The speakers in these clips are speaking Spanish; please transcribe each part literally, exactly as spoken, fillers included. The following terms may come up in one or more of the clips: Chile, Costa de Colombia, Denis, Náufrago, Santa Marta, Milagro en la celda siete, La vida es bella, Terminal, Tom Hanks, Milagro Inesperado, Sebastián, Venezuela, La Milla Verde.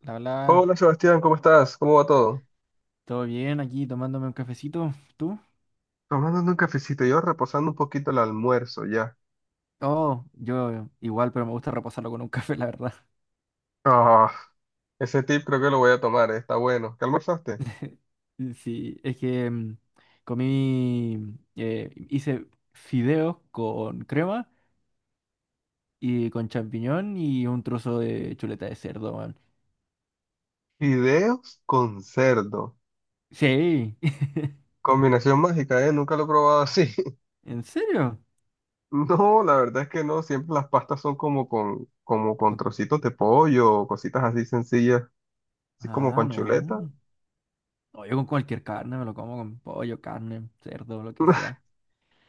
La hola, Hola Sebastián, ¿cómo estás? ¿Cómo va todo? todo bien aquí tomándome un cafecito. ¿Tú? Tomando un cafecito, yo reposando un poquito el almuerzo ya. Oh, yo igual, pero me gusta reposarlo con un café, la verdad. Ah, ese tip creo que lo voy a tomar, eh, está bueno. ¿Qué almorzaste? Sí, es que mm, comí, eh, hice fideos con crema y con champiñón y un trozo de chuleta de cerdo, man. Fideos con cerdo. Sí, Combinación mágica, ¿eh? Nunca lo he probado así. ¿en serio? No, la verdad es que no. Siempre las pastas son como con, como con Con- trocitos de pollo o cositas así sencillas, así como Ah, con chuleta. no. No, yo con cualquier carne me lo como con pollo, carne, cerdo, lo que sea.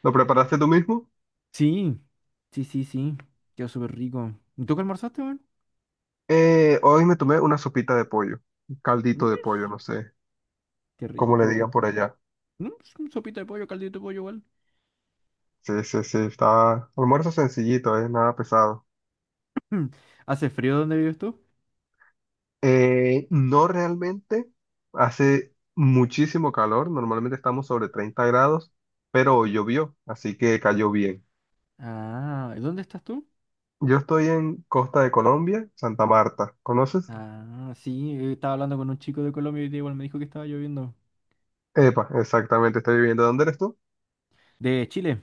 ¿Lo preparaste tú mismo? Sí, sí, sí, sí. Quedó súper rico. ¿Y tú qué almorzaste, man? Eh, hoy me tomé una sopita de pollo, un caldito de Mesh, pollo, no sé qué cómo le rico. digan por allá. Mm, s- mm, sopita de pollo, caldito de pollo igual. Sí, sí, sí, está almuerzo sencillito, eh, nada pesado. ¿Hace frío donde vives tú? Eh, no realmente, hace muchísimo calor, normalmente estamos sobre treinta grados, pero hoy llovió, así que cayó bien. Ah, ¿y ¿dónde estás tú? Yo estoy en Costa de Colombia, Santa Marta, ¿conoces? Ah, sí, eh, estaba hablando con un chico de Colombia y igual me dijo que estaba lloviendo. Epa, exactamente, estoy viviendo. ¿Dónde eres tú? ¿De Chile?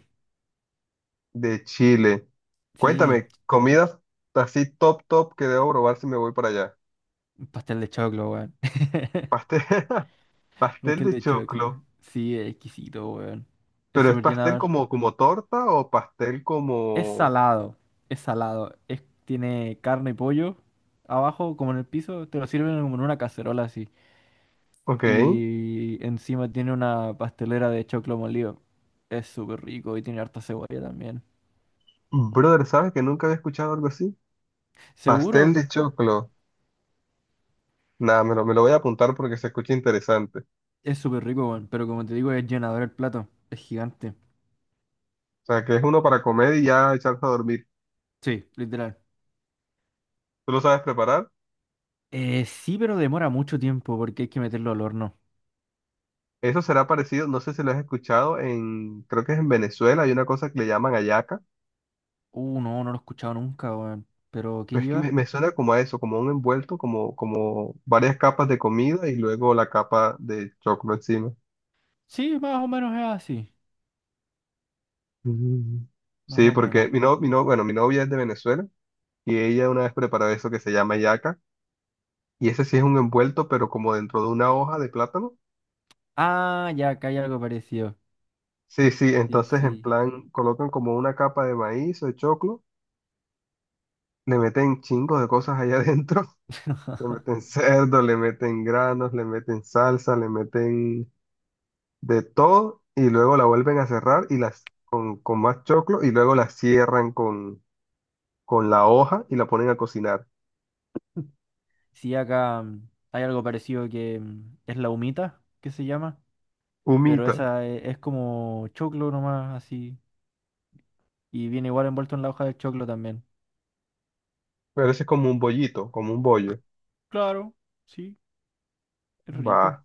De Chile. Sí, Cuéntame, comidas así top top que debo probar si me voy para allá. un pastel de choclo, weón. Pastel, pastel Pastel de de choclo. choclo. Sí, es exquisito, weón. Es ¿Pero es súper pastel llenador. como, como torta o pastel Es como...? salado, es salado. Es, tiene carne y pollo abajo, como en el piso. Te lo sirven como en una cacerola así. Ok. Y encima tiene una pastelera de choclo molido. Es súper rico y tiene harta cebolla también. Brother, ¿sabes que nunca había escuchado algo así? Pastel Seguro de choclo. Nada, me lo, me lo voy a apuntar porque se escucha interesante. O es súper rico, weón, pero como te digo, es llenador el plato. Es gigante. sea, que es uno para comer y ya echarse a dormir. Sí, literal. ¿Tú lo sabes preparar? Eh, sí, pero demora mucho tiempo porque hay que meterlo al horno. Eso será parecido, no sé si lo has escuchado, en, creo que es en Venezuela, hay una cosa que le llaman hallaca. Uh, no, no lo he escuchado nunca, weón. ¿Pero qué Pues es que me, lleva? me suena como a eso, como a un envuelto, como, como varias capas de comida y luego la capa de choclo encima. Sí, más o menos es así. Mm. Más Sí, o porque menos. mi, no, mi no- bueno, mi novia es de Venezuela y ella una vez preparó eso que se llama yaca y ese sí es un envuelto, pero como dentro de una hoja de plátano. Ah, ya, acá hay algo parecido. Sí, sí, Sí, entonces en sí. plan colocan como una capa de maíz o de choclo, le meten chingos de cosas allá adentro, le meten cerdo, le meten granos, le meten salsa, le meten de todo y luego la vuelven a cerrar y las con más choclo y luego la cierran con, con la hoja y la ponen a cocinar. Sí, acá mm, hay algo parecido que mm, es la humita, que se llama. Pero Humita. esa e- es como choclo nomás, así. Y viene igual envuelto en la hoja de choclo también. Parece como un bollito, como un bollo. Claro, sí, es Va, rico.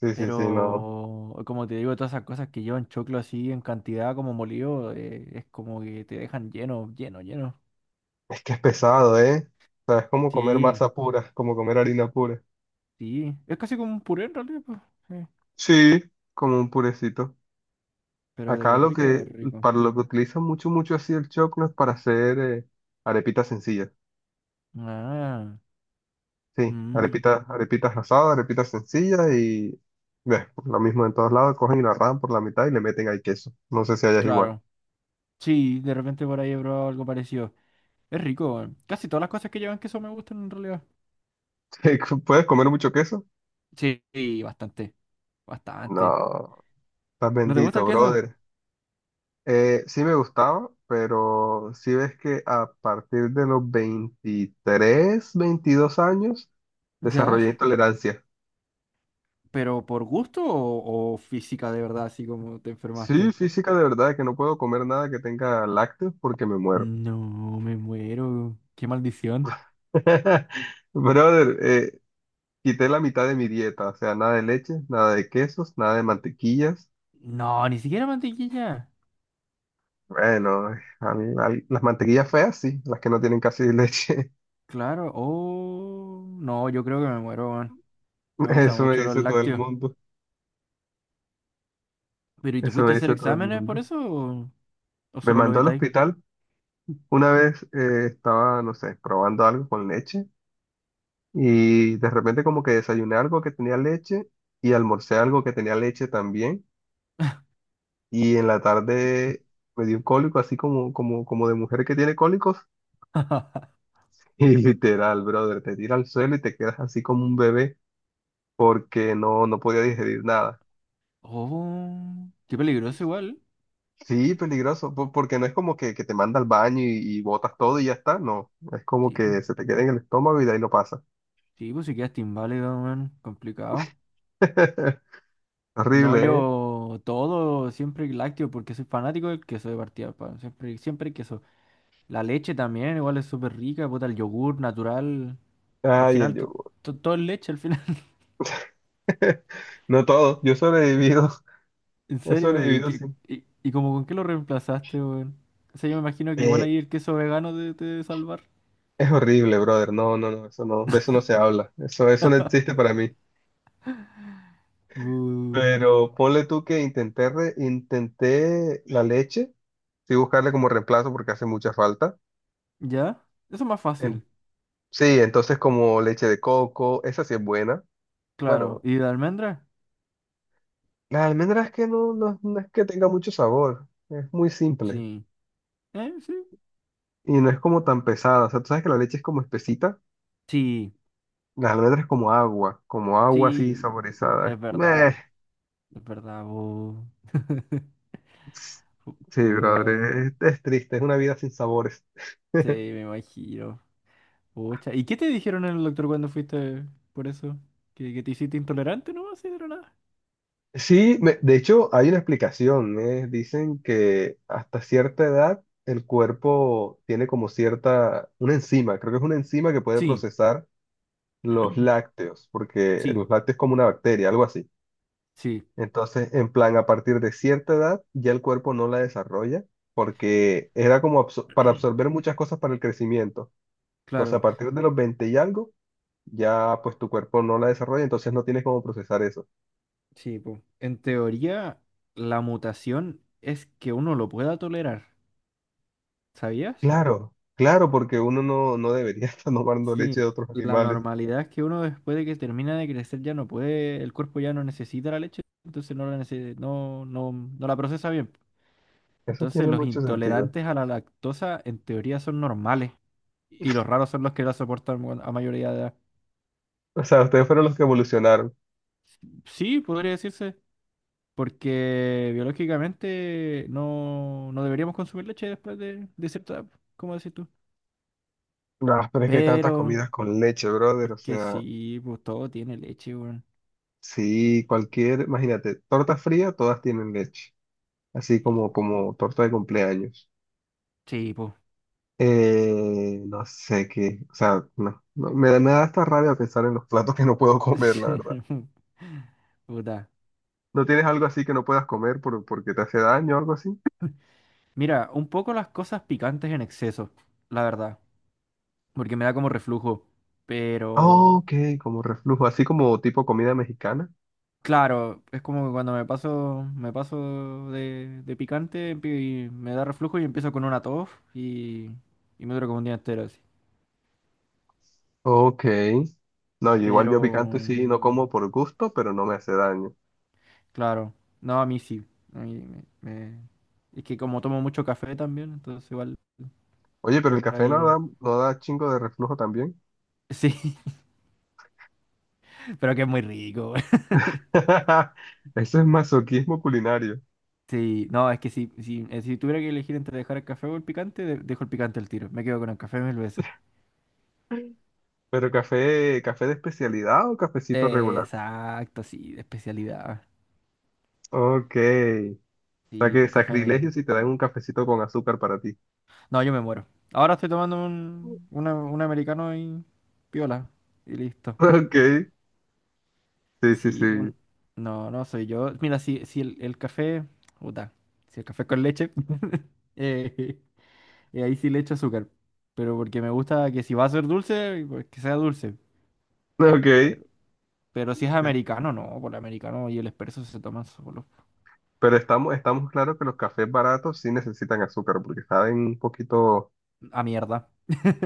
sí, sí, sí, no. Pero como te digo, todas esas cosas que llevan choclo así en cantidad como molido, eh, es como que te dejan lleno, lleno, lleno. Es que es pesado, ¿eh? O sea, es como comer Sí, masa pura, como comer harina pura. sí. Es casi como un puré en realidad, pues. Sí. Sí, como un purecito. Pero de que Acá es lo rico, que, es rico. para lo que utilizan mucho, mucho así el choclo es para hacer eh, arepitas sencillas. Ah, Sí, mm, arepitas, arepitas asadas, arepitas sencillas y ves, lo mismo en todos lados, cogen y la rajan por la mitad y le meten ahí queso. No sé si allá es igual. claro. Sí, de repente por ahí he probado algo parecido. Es rico, weón. Casi todas las cosas que llevan queso me gustan en realidad. ¿Puedes comer mucho queso? Sí, sí, bastante. Bastante. No, estás ¿No te gusta el bendito, queso? brother. Eh, sí me gustaba, pero sí ves que a partir de los veintitrés, veintidós años Ya. desarrollé intolerancia. ¿Pero por gusto o, o física de verdad, así como te Sí, enfermaste? física de verdad, que no puedo comer nada que tenga lácteos porque me muero. No, me muero. Qué maldición. Brother, eh, quité la mitad de mi dieta, o sea, nada de leche, nada de quesos, nada de mantequillas. No, ni siquiera mantequilla. Bueno, a mí, a mí- las mantequillas feas sí, las que no tienen casi leche. Claro. Oh, no, yo creo que me muero, weón. Me gustan Eso me mucho los dice todo el lácteos. mundo, ¿Pero y te eso fuiste me a hacer dice todo el exámenes por mundo. eso o, o Me solo lo mandó al evitáis? hospital una vez eh, estaba, no sé, probando algo con leche y de repente como que desayuné algo que tenía leche y almorcé algo que tenía leche también y en la tarde me dio un cólico así como, como, como de mujer que tiene cólicos y literal, brother, te tira al suelo y te quedas así como un bebé porque no, no podía digerir nada. Oh, qué peligroso igual. Sí, peligroso, po- porque no es como que, que te manda al baño y, y botas todo y ya está, no, es como Tipo, que se te queda en el estómago y de ahí lo pasa. tipo, si quedaste inválido, weón. Complicado. No, Horrible, ¿eh? yo todo, siempre lácteo, porque soy fanático del queso de partida, pa, siempre, siempre queso. La leche también, igual es súper rica, puta, el yogur natural. Al Ay, el final, to- yogur. to- todo es leche al final. No todo, yo he sobrevivido, En he serio, ¿y, sobrevivido sí. qué- ¿y, y como con qué lo reemplazaste, weón? O sea, yo me imagino que igual Eh, ahí el queso vegano te, te debe salvar. es horrible, brother. No, no, no, eso no, de eso no se habla. Eso, eso no existe para mí. Uh, Pero ponle tú que intenté, re- intenté la leche, sí buscarle como reemplazo porque hace mucha falta. ¿ya? Eso es más En- fácil, sí, entonces como leche de coco, esa sí es buena. claro. Bueno, ¿Y de almendra? la almendra es que no, no, no es que tenga mucho sabor, es muy simple Sí. ¿Eh? Sí. y no es como tan pesada. O sea, tú sabes que la leche es como espesita, Sí, las almendras es como agua, como agua así sí. saborizada. Es Meh. verdad, es verdad, bu. Pu- Sí, brother, Puta. es, es triste, es una vida sin sabores. Sí, me imagino. Pucha. ¿Y qué te dijeron en el doctor cuando fuiste por eso? ¿Que, que te hiciste intolerante, no? Así de la nada. Sí, me- de hecho hay una explicación, ¿eh? Dicen que hasta cierta edad el cuerpo tiene como cierta, una enzima, creo que es una enzima que puede Sí, procesar los lácteos, porque sí, los lácteos es como una bacteria, algo así. sí. Entonces, en plan, a partir de cierta edad ya el cuerpo no la desarrolla, porque era como absor- para absorber muchas cosas para el crecimiento. Entonces, a Claro. partir de los veinte y algo, ya pues tu cuerpo no la desarrolla, entonces no tienes cómo procesar eso. Sí, po. En teoría, la mutación es que uno lo pueda tolerar. ¿Sabías? Claro, claro, porque uno no, no debería estar tomando leche de Sí. otros La animales. normalidad es que uno después de que termina de crecer ya no puede, el cuerpo ya no necesita la leche, entonces no la nece- no, no, no la procesa bien. Eso Entonces, tiene los mucho sentido. intolerantes a la lactosa en teoría son normales y los raros son los que la soportan bueno, a mayoría de edad. O sea, ustedes fueron los que evolucionaron. Sí, podría decirse, porque biológicamente no, no deberíamos consumir leche después de, de cierta edad, como decís tú. Ah, pero es que hay tantas Pero comidas con leche, brother. es O que sea, sí, pues todo tiene leche, weón. sí, cualquier, imagínate, torta fría, todas tienen leche. Así Y- como, como torta de cumpleaños. sí, pues. Eh, no sé qué, o sea, no, no, me, da- me da hasta rabia pensar en los platos que no puedo comer, la verdad. Puta. ¿No tienes algo así que no puedas comer por- porque te hace daño o algo así? Mira, un poco las cosas picantes en exceso, la verdad, porque me da como reflujo, pero. Ok, como reflujo, así como tipo comida mexicana. Claro, es como que cuando me paso, me paso de, de picante empi- y me da reflujo y empiezo con una tos y, y me dura como un día entero así. Ok. No, yo igual Pero, yo picante sí no como por gusto, pero no me hace daño. claro, no, a mí sí. A mí me, me- es que como tomo mucho café también, entonces igual Oye, pero el por café no ahí... da, no da chingo de reflujo también. Sí, pero que es muy rico. Güey. Eso es masoquismo culinario. Sí, no, es que si, si, eh, si tuviera que elegir entre dejar el café o el picante, de- dejo el picante al tiro. Me quedo con el café mil veces. Pero café, café de especialidad o cafecito Eh, regular. Exacto, sí, de especialidad. Ok. O sea Sí, que pues café. sacrilegio si te dan un cafecito con azúcar para ti. No, yo me muero. Ahora estoy tomando un, una- un americano y piola. Y listo. Ok. Sí, sí, Sí, sí. pun- no, no soy yo. Mira, si, si el, el café. Puta. Si el café con leche. eh, eh, ahí sí le echo azúcar. Pero porque me gusta que si va a ser dulce, pues que sea dulce. Ok. Pero, pero si es americano, no. Por el americano y el expreso se toman solo. Pero estamos, estamos claros que los cafés baratos sí necesitan azúcar, porque saben un poquito. A mierda.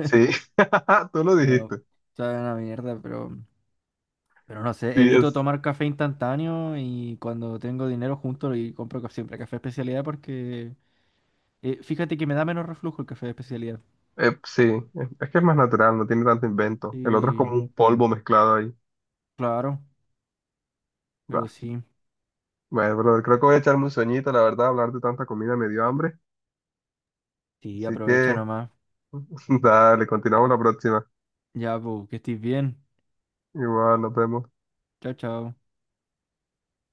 Sí, tú lo No, dijiste. saben a mierda, pero. Pero no sé, Sí, evito es. tomar café instantáneo y cuando tengo dinero junto y compro ca- siempre café de especialidad porque eh, fíjate que me da menos reflujo el café de especialidad. eh, sí, es es que es más natural, no tiene tanto invento. El otro es como Sí, un polvo mezclado ahí. claro, pero Bah. sí, Bueno, brother, creo que voy a echarme un sueñito, la verdad, hablar de tanta comida me dio hambre. sí, Así aprovecha que, nomás. dale, continuamos la próxima. Ya, pues, que estés bien. Igual, nos vemos. Chao, chao.